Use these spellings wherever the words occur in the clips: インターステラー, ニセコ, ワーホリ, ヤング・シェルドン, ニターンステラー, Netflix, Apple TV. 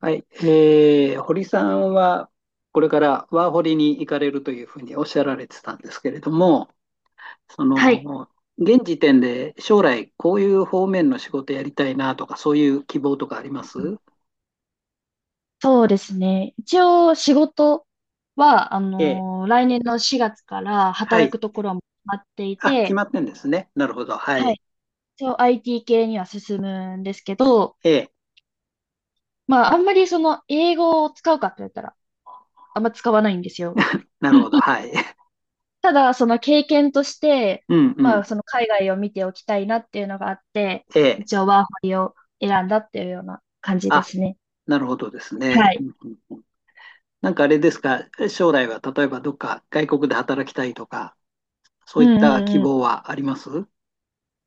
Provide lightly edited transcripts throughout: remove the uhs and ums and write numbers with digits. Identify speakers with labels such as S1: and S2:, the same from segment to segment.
S1: はい。堀さんは、これからワーホリに行かれるというふうにおっしゃられてたんですけれども、そ
S2: はい。
S1: の、現時点で将来こういう方面の仕事やりたいなとか、そういう希望とかありま
S2: うん。
S1: す？
S2: そうですね。一応仕事は、
S1: ええ。
S2: 来年の4月から
S1: は
S2: 働
S1: い。
S2: くところはもう決まってい
S1: あ、決
S2: て、
S1: まってんですね。なるほど。は
S2: は
S1: い。
S2: い。一応 IT 系には進むんですけど、
S1: ええ。
S2: まあ、あんまりその英語を使うかって言ったら、あんま使わないんですよ。
S1: なるほど。はい。
S2: ただ、その経験として、
S1: うんう
S2: まあ、
S1: ん。
S2: その海外を見ておきたいなっていうのがあって、
S1: ええ。
S2: 一応ワーホリを選んだっていうような感じで
S1: あ、
S2: すね。
S1: なるほどですね。
S2: は
S1: う
S2: い。
S1: んうんうん。なんかあれですか、将来は例えばどっか外国で働きたいとか、そう
S2: う
S1: いっ
S2: んう
S1: た
S2: ん
S1: 希
S2: う
S1: 望
S2: ん。
S1: はあります？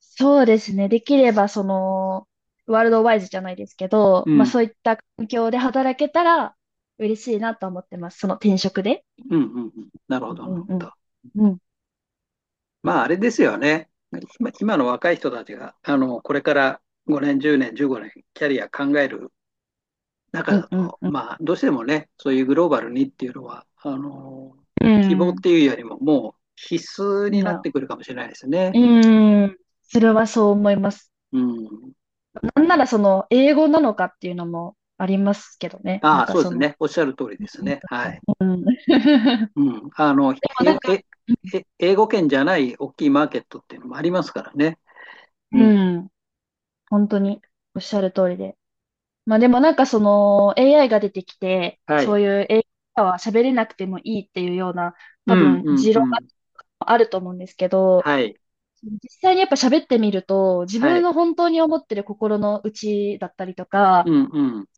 S2: そうですね。できれば、その、ワールドワイズじゃないですけど、
S1: う
S2: まあ
S1: ん。
S2: そういった環境で働けたら嬉しいなと思ってます。その転職で。
S1: うんうんうん。なるほ
S2: う
S1: ど、なる
S2: ん
S1: ほ
S2: うん
S1: ど。
S2: うん。
S1: まあ、あれですよね。今の若い人たちが、これから5年、10年、15年、キャリア考える中
S2: う
S1: だ
S2: んうん
S1: と、
S2: うん
S1: まあ、どうしてもね、そういうグローバルにっていうのは、
S2: う
S1: 希望っ
S2: ん。
S1: ていうよりも、もう必須
S2: う
S1: に
S2: ん。
S1: な
S2: ま
S1: って
S2: あ、
S1: くるかもしれないですね。
S2: うん。それはそう思います。
S1: うん。
S2: なんならその、英語なのかっていうのもありますけどね。な
S1: あ
S2: ん
S1: あ、
S2: か
S1: そうで
S2: そ
S1: す
S2: の、
S1: ね。おっしゃる通りですね。はい。
S2: うん。
S1: うん。え、
S2: でもなんか、
S1: え、英語圏じゃない大きいマーケットっていうのもありますからね。う
S2: う
S1: ん。
S2: ん。本当におっしゃる通りで。まあでもなんかその AI が出てきて、
S1: はい。
S2: そういう AI は喋れなくてもいいっていうような
S1: う
S2: 多
S1: ん、
S2: 分
S1: うん、
S2: 持
S1: う
S2: 論が
S1: ん。
S2: あると思うんですけど、
S1: はい。
S2: 実際にやっぱ喋ってみると自
S1: は
S2: 分
S1: い。
S2: の本当に思ってる心の内だったりと
S1: う
S2: か、
S1: んうん。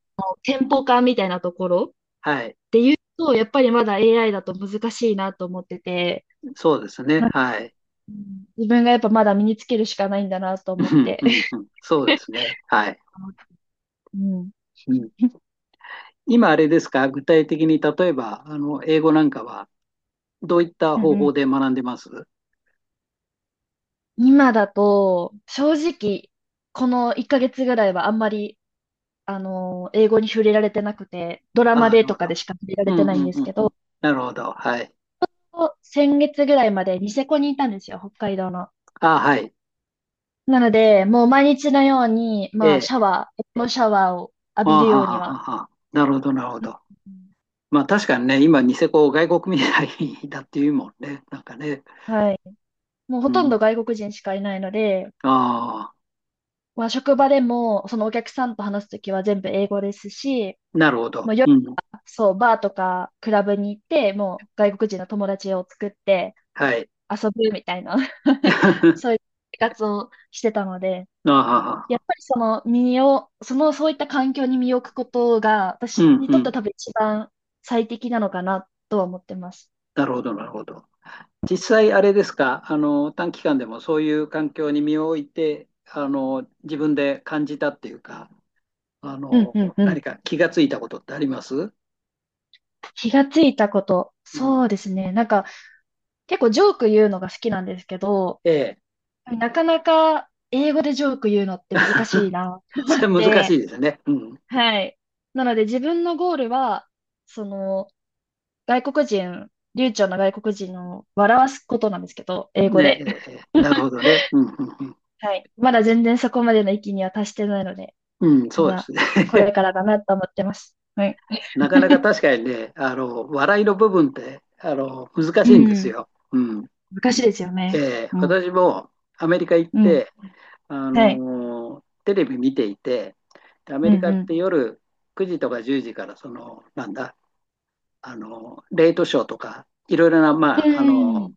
S2: テンポ感みたいなところっ
S1: はい。
S2: ていうと、やっぱりまだ AI だと難しいなと思ってて、
S1: そうですね。
S2: なんか
S1: はい。
S2: うん自分がやっぱまだ身につけるしかないんだなと
S1: う
S2: 思っ
S1: ん
S2: て。
S1: うんうん。そうで すね。はい。
S2: うん。
S1: うん。今あれですか、具体的に例えば、英語なんかはどういった
S2: うん
S1: 方
S2: うん。
S1: 法で学んでます？
S2: 今だと、正直、この1ヶ月ぐらいはあんまり、英語に触れられてなくて、ドラ
S1: あ
S2: マ
S1: あ、な
S2: で
S1: る
S2: と
S1: ほ
S2: か
S1: ど。
S2: でしか触れら
S1: う
S2: れ
S1: ん
S2: てな
S1: う
S2: いん
S1: ん
S2: で
S1: う
S2: す
S1: ん
S2: け
S1: うん。
S2: ど、
S1: なるほど。はい。
S2: 先月ぐらいまでニセコにいたんですよ、北海道の。
S1: ああ、はい。
S2: なので、もう毎日のように、まあ、
S1: え
S2: シャ
S1: え。
S2: ワー、エプロンシャワーを浴
S1: あ
S2: び
S1: あ、
S2: る
S1: は
S2: ように
S1: あはあ
S2: は。
S1: はあ。なるほど、なるほ
S2: うん。
S1: ど。まあ確かにね、今、ニセコを外国みたいだっていうもんね。なんかね。
S2: はい。もうほ
S1: う
S2: とん
S1: ん。
S2: ど外国人しかいないので、
S1: あ
S2: まあ、職場でも、そのお客さんと話すときは全部英語ですし、
S1: あ、なるほど。
S2: まあ、
S1: うん。
S2: そう、バーとかクラブに行って、もう外国人の友達を作って
S1: はい。
S2: 遊ぶみたいな
S1: あ
S2: そういう生活をしてたので、
S1: あ、はあは
S2: やっ
S1: あ。
S2: ぱりその身を、その、そういった環境に身を置くことが、
S1: う
S2: 私
S1: ん
S2: に
S1: う
S2: とっては
S1: ん。
S2: 多分一番最適なのかなとは思ってます。
S1: なるほど、なるほど。実際あれですか、短期間でもそういう環境に身を置いて、自分で感じたっていうか、あ
S2: うん
S1: の、
S2: うんうん。
S1: 何か気がついたことってあります？
S2: 気がついたこと。
S1: うん。
S2: そうですね。なんか、結構ジョーク言うのが好きなんですけど、
S1: ええ。
S2: なかなか英語でジョーク言うのって難しい な
S1: そ
S2: っ
S1: れ難しい
S2: て。
S1: ですね。うん。
S2: はい。なので自分のゴールは、その、外国人、流暢な外国人を笑わすことなんですけど、英語
S1: ね
S2: で。
S1: え、なるほ どね。うん、うん、
S2: はい。まだ全然そこまでの域には達してないので、
S1: うん。うん、
S2: ま
S1: そうで
S2: だ
S1: す
S2: これ
S1: ね。
S2: からだなと思ってます。はい。
S1: なかなか 確かにね、笑いの部分って、難
S2: う
S1: しいんです
S2: ん。
S1: よ。うん。
S2: 難しいですよ
S1: え
S2: ね。
S1: え、
S2: うん。
S1: 私もアメリカ行っ
S2: うん。
S1: て、
S2: はい。
S1: テレビ見ていて、でアメ
S2: う
S1: リ
S2: ん
S1: カ
S2: う
S1: っ
S2: ん。
S1: て夜9時とか10時からその、なんだ、あのレイトショーとか、いろいろな、
S2: うん。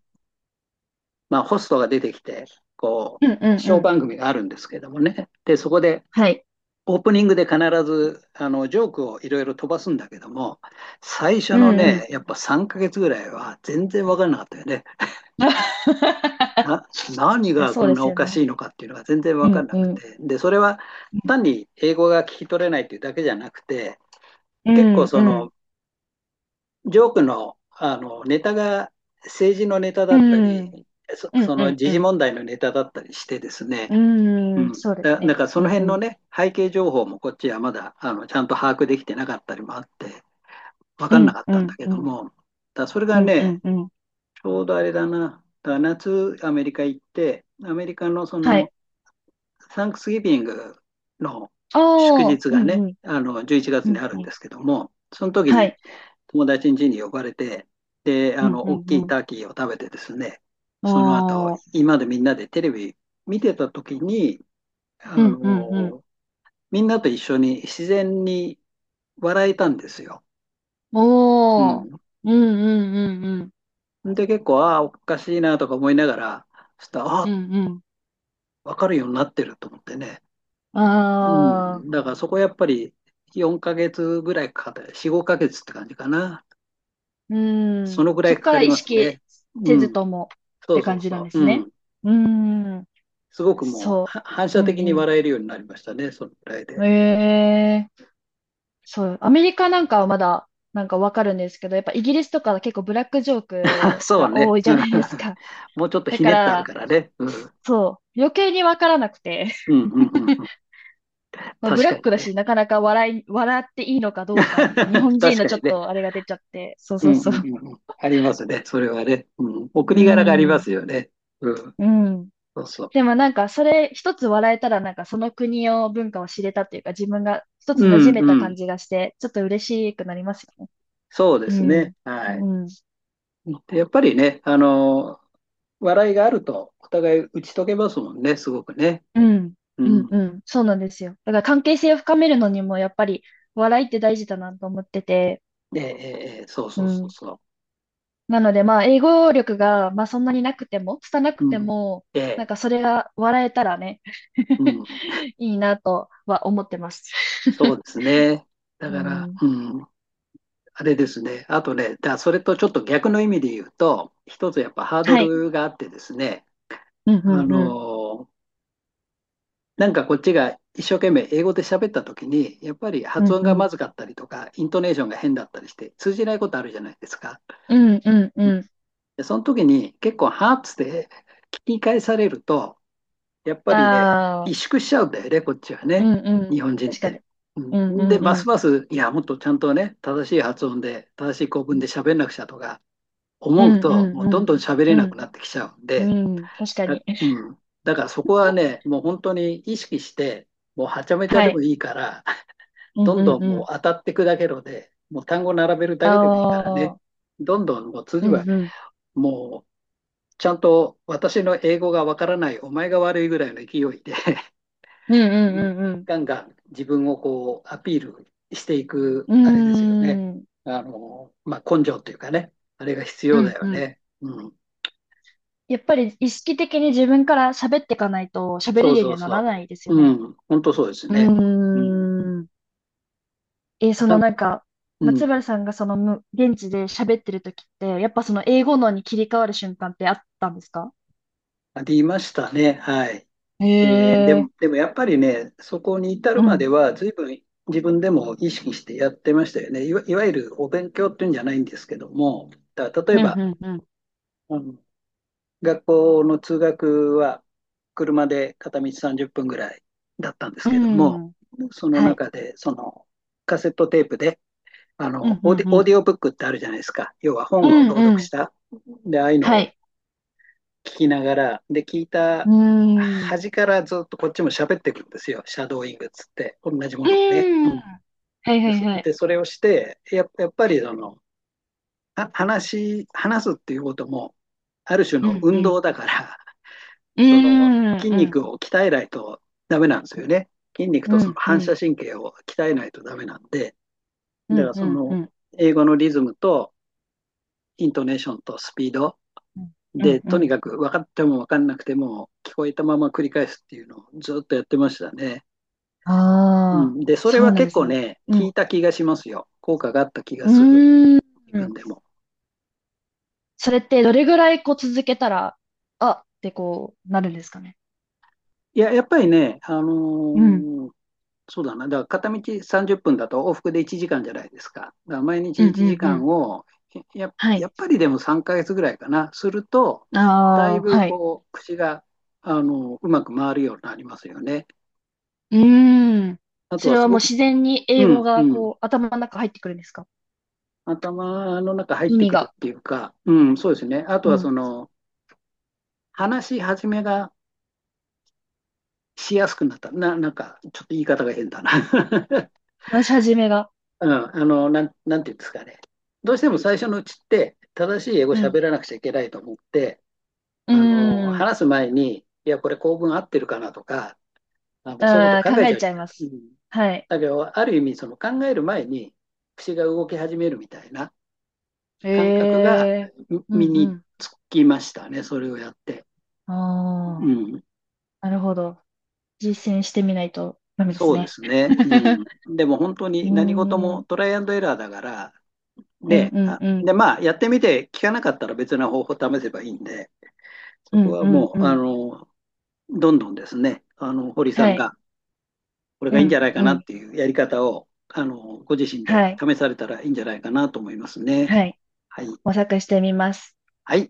S1: まあ、ホストが出てきて、こ
S2: うんうん
S1: う、シ
S2: う
S1: ョー
S2: ん。
S1: 番組があるんですけどもね、でそこで
S2: はい。
S1: オープニングで必ずジョークをいろいろ飛ばすんだけども、最初
S2: う
S1: の
S2: んうん。
S1: ね、やっぱ3ヶ月ぐらいは全然分からなかったよね。
S2: い
S1: 何
S2: や、
S1: が
S2: そ
S1: こ
S2: う
S1: ん
S2: で
S1: な
S2: す
S1: お
S2: よ
S1: か
S2: ね。
S1: しいのかっていうのが全然分
S2: う
S1: かん
S2: ん
S1: な
S2: う
S1: く
S2: ん。
S1: て、でそれは
S2: うん
S1: 単に英語が聞き取れないっていうだけじゃなくて、
S2: う
S1: 結構
S2: んう
S1: その
S2: ん。
S1: ジョークのネタが政治のネタ
S2: う
S1: だった
S2: ん
S1: り、
S2: うん
S1: そ
S2: う
S1: の
S2: ん
S1: 時
S2: う
S1: 事
S2: ん。
S1: 問題のネタだったりしてですね、
S2: う
S1: う
S2: ーん、
S1: ん、
S2: そうです
S1: なん
S2: ね。
S1: からその
S2: うんう
S1: 辺の
S2: ん。
S1: ね背景情報もこっちはまだちゃんと把握できてなかったりもあって分
S2: う
S1: かんな
S2: ん、
S1: かっ
S2: う
S1: たんだ
S2: ん、
S1: け
S2: う
S1: ど
S2: ん、
S1: も、それ
S2: う
S1: が
S2: ん、う
S1: ね、
S2: ん、うん。
S1: ちょうどあれだな、夏アメリカ行ってアメリカのそ
S2: は
S1: の
S2: い。
S1: サンクスギビングの祝
S2: ああ、
S1: 日
S2: う
S1: が
S2: ん、う
S1: ね、
S2: ん、
S1: 11
S2: う
S1: 月に
S2: ん、
S1: ある
S2: う
S1: ん
S2: ん。
S1: ですけども、その時
S2: は
S1: に
S2: い。
S1: 友達ん家に呼ばれて、で、
S2: うん、う
S1: 大
S2: ん、
S1: きい
S2: うん。
S1: ターキーを食べてですね、その後、
S2: おあ、
S1: 今までみんなでテレビ見てた時に、あ
S2: うん、うん、うん。
S1: の、みんなと一緒に自然に笑えたんですよ。う
S2: おー。
S1: ん。
S2: うん、うん、うん、うん、
S1: で、結構、ああ、おかしいなとか思いながら、そしたら、あ
S2: う
S1: あ、
S2: んう
S1: かるようになってると思ってね。
S2: ん。
S1: う
S2: ああ、
S1: ん、だからそこはやっぱり4ヶ月ぐらいかかった、4、5ヶ月って感じかな。
S2: う
S1: そ
S2: ん。
S1: のぐら
S2: そ
S1: い
S2: っ
S1: か
S2: か
S1: か
S2: ら
S1: り
S2: 意
S1: ます
S2: 識
S1: ね。う
S2: せ
S1: ん、
S2: ずともっ
S1: そ
S2: て
S1: うそ
S2: 感
S1: う
S2: じなん
S1: そ
S2: で
S1: う。
S2: す
S1: う
S2: ね。
S1: ん、
S2: うん、
S1: すごくもう
S2: そ
S1: は反
S2: う。
S1: 射
S2: う
S1: 的に
S2: ん、う
S1: 笑えるようになりましたね、そのぐらいで。
S2: ん。ええ。そう、アメリカなんかはまだなんかわかるんですけど、やっぱイギリスとかは結構ブラックジョー
S1: あ、
S2: ク
S1: そう
S2: が
S1: ね。
S2: 多いじ
S1: う
S2: ゃ
S1: ん。
S2: ないです か。
S1: もうちょっ と
S2: だ
S1: ひ
S2: か
S1: ねってある
S2: ら、
S1: からね。うん、
S2: そう、余計にわからなくて、
S1: うん、うん、うん。
S2: まあ、ブ
S1: 確
S2: ラッ
S1: か
S2: ク
S1: に
S2: だ
S1: ね。
S2: し、なかなか笑っていいのかどうかみたいな、日 本人
S1: 確
S2: の
S1: か
S2: ちょ
S1: に
S2: っ
S1: ね。
S2: とあれが出ちゃって、そう
S1: う
S2: そう
S1: ん、うん、う
S2: そう。
S1: んうん。ありますね、それはね。うん、お
S2: う
S1: 国柄がありま
S2: ん、
S1: すよね。うん、
S2: うん。
S1: そうそ
S2: でもなんかそれ一つ笑えたらなんかその国を文化を知れたっていうか自分が一
S1: う。う
S2: つ馴染
S1: ん、
S2: めた
S1: うん。
S2: 感じがしてちょっと嬉しくなりますよね。
S1: そうで
S2: う
S1: す
S2: ん。
S1: ね。はい。
S2: うん。
S1: でやっぱりね、笑いがあると、お互い打ち解けますもんね、すごくね。
S2: うん。
S1: う
S2: うん
S1: ん。
S2: うん。そうなんですよ。だから関係性を深めるのにもやっぱり笑いって大事だなと思ってて。
S1: で、そう
S2: う
S1: そうそう
S2: ん。
S1: そ
S2: なのでまあ英語力がまあそんなになくても、拙
S1: う。
S2: くて
S1: うん。
S2: も、な
S1: で、
S2: んかそれが笑えたらね、
S1: う ん、
S2: いいなとは思ってます。
S1: そう ですね。だ
S2: う
S1: から、
S2: ん。
S1: うん、あれですね。あとね、それとちょっと逆の意味で言うと、一つやっぱハード
S2: はい。
S1: ルがあってですね、
S2: うん
S1: あ
S2: うんうん。
S1: の、なんかこっちが一生懸命英語で喋った時に、やっぱり
S2: う
S1: 発
S2: ん
S1: 音
S2: う
S1: がま
S2: ん。
S1: ずかったりとか、イントネーションが変だったりして、通じないことあるじゃないですか。
S2: うんうんうん。
S1: で、その時に結構ハーツで聞き返されると、やっぱりね、
S2: あ
S1: 萎
S2: あ、
S1: 縮しちゃうんだよね、こっちは
S2: う
S1: ね、
S2: んう
S1: 日
S2: ん。
S1: 本人っ
S2: 確かに。
S1: て。
S2: うん
S1: うん、で、
S2: うんう
S1: ま
S2: ん。
S1: すます、いや、もっとちゃんとね、正しい発音で、正しい構文で喋んなくちゃとか
S2: う
S1: 思う
S2: ん
S1: と、
S2: う
S1: も
S2: ん
S1: う
S2: う
S1: どん
S2: ん。
S1: どん喋れな
S2: う
S1: く
S2: ん
S1: なってきちゃうん
S2: う
S1: で、
S2: ん。確かに。
S1: うん、だからそこは ね、もう本当に意識して、もうはちゃめちゃ
S2: は
S1: でも
S2: い。
S1: いいから、
S2: う
S1: ど
S2: ん
S1: ん
S2: う
S1: ど
S2: ん
S1: ん
S2: う
S1: もう
S2: ん。
S1: 当たっていくだけので、もう単語並べるだ
S2: あ
S1: けでもいいからね、
S2: あ、
S1: どんどんもう通
S2: う
S1: じば、
S2: んうん。
S1: もうちゃんと私の英語がわからない、お前が悪いぐらいの勢いで、
S2: うんう んうん
S1: ガンガン自分をこうアピールしていく、
S2: う
S1: あれですよね。
S2: ん。うーん。
S1: まあ、根性というかね、あれが必
S2: う
S1: 要だ
S2: ん
S1: よ
S2: うん。
S1: ね。うん。
S2: やっぱり意識的に自分から喋っていかないと喋れ
S1: そ
S2: る
S1: う
S2: ように
S1: そう
S2: はなら
S1: そ
S2: ないです
S1: う。
S2: よ
S1: う
S2: ね。
S1: ん。本当そうです
S2: う
S1: ね。うん。
S2: ーん。
S1: な
S2: その
S1: か、
S2: なんか、
S1: う
S2: 松原
S1: ん。
S2: さんがその現地で喋ってる時って、やっぱその英語のに切り替わる瞬間ってあったんですか？
S1: ありましたね。はい。
S2: へ
S1: で、で
S2: え。
S1: も、でもやっぱりね、そこに至
S2: う
S1: るまで
S2: ん。
S1: は、随分自分でも意識してやってましたよね。いわゆるお勉強っていうんじゃないんですけども、だから例
S2: う
S1: えば、
S2: んうん
S1: うん、学校の通学は車で片道30分ぐらいだったんです
S2: う
S1: けども、
S2: ん。うん。
S1: その
S2: はい。
S1: 中でそのカセットテープで
S2: うんうん
S1: オ
S2: う
S1: ー
S2: ん。
S1: ディオブックってあるじゃないですか。要は
S2: う
S1: 本を
S2: ん
S1: 朗読
S2: う
S1: し
S2: ん。
S1: た。で、ああいうの
S2: は
S1: を
S2: い。
S1: 聞きながら、で、聞い
S2: う
S1: た
S2: ーん。う
S1: 端からずっとこっちも喋ってくるんですよ。シャドーイングっつって、同じも
S2: ー
S1: のをね。う
S2: ん。は
S1: ん、
S2: いはい
S1: で、
S2: はい。
S1: それをして、やっぱりその、話すっていうことも、ある種
S2: う
S1: の
S2: ん、う
S1: 運
S2: ん。
S1: 動だから、
S2: う
S1: その
S2: ん、
S1: 筋
S2: うん、
S1: 肉を鍛えないとダメなんですよね。筋肉
S2: う
S1: と
S2: ん、う
S1: その
S2: ん、う
S1: 反
S2: ん、
S1: 射神経を鍛えないとダメなんで、
S2: う
S1: だか
S2: ん、
S1: らそ
S2: う
S1: の
S2: ん、
S1: 英語のリズムとイントネーションとスピード
S2: う
S1: で、
S2: ん、う
S1: とに
S2: ん。
S1: かく分かっても分かんなくても聞こえたまま繰り返すっていうのをずっとやってましたね。
S2: あ
S1: う
S2: あ、
S1: ん、で、それ
S2: そう
S1: は
S2: なんで
S1: 結
S2: す
S1: 構
S2: ね。
S1: ね、
S2: う
S1: 効
S2: ん。
S1: いた気がしますよ。効果があった気が
S2: う
S1: する、
S2: ー
S1: 自分
S2: ん。
S1: でも。
S2: それってどれぐらいこう続けたら、あってこうなるんですかね？
S1: いや、やっぱりね、
S2: うん。
S1: そうだな。だから片道30分だと往復で1時間じゃないですか。だから毎
S2: う
S1: 日
S2: ん、
S1: 1
S2: うん、う
S1: 時間
S2: ん。
S1: を、
S2: は
S1: やっ
S2: い。
S1: ぱりでも3ヶ月ぐらいかな、すると、だい
S2: ああ、
S1: ぶ
S2: はい。
S1: こう、口が、うまく回るようになりますよね。
S2: うーん。
S1: あと
S2: そ
S1: は
S2: れ
S1: す
S2: はも
S1: ご
S2: う
S1: く、
S2: 自然に
S1: う
S2: 英語
S1: ん、う
S2: が
S1: ん。
S2: こう頭の中入ってくるんですか？
S1: 頭の中入っ
S2: 意
S1: て
S2: 味
S1: くる
S2: が。
S1: っていうか、うん、そうですね。あと
S2: う
S1: はそ
S2: ん。
S1: の、話し始めがしやすくなった。なんか、ちょっと言い方が変だな。
S2: 話し始めが。
S1: うん、なんていうんですかね。どうしても最初のうちって、正しい英語
S2: うん。
S1: 喋らなくちゃいけないと思って、
S2: うーん。
S1: 話す前に、いや、これ構文合ってるかなとか、そういうこと
S2: ああ、
S1: 考
S2: 考
S1: えち
S2: え
S1: ゃう
S2: ち
S1: じ
S2: ゃ
S1: ゃ
S2: い
S1: ないです
S2: ま
S1: か。う
S2: す。
S1: ん。
S2: はい。
S1: だけど、ある意味、その考える前に、口が動き始めるみたいな感覚
S2: え
S1: が
S2: え。うん
S1: 身
S2: う
S1: に
S2: ん。
S1: つきましたね、それをやって。
S2: あ
S1: う
S2: あ、
S1: ん、
S2: なるほど。実践してみないとダメです
S1: そうで
S2: ね。
S1: すね。う ん、でも本当
S2: う
S1: に
S2: ー
S1: 何事
S2: ん、う
S1: も
S2: ん
S1: トライアンドエラーだから、
S2: うん
S1: で、
S2: うん、
S1: で、まあ、やってみて、効かなかったら別な方法を試せばいいんで、そ
S2: う
S1: こ
S2: ん
S1: は
S2: うん
S1: も
S2: う
S1: う、
S2: ん。
S1: どんどんですね、堀さ
S2: は
S1: ん
S2: い、
S1: が、これ
S2: う
S1: がいいんじゃ
S2: ん
S1: ないか
S2: う
S1: なっ
S2: ん、
S1: ていうやり方を、ご自身で
S2: はい、
S1: 試されたらいいんじゃないかなと思いますね。
S2: はい。
S1: はい。
S2: 模索してみます。
S1: はい。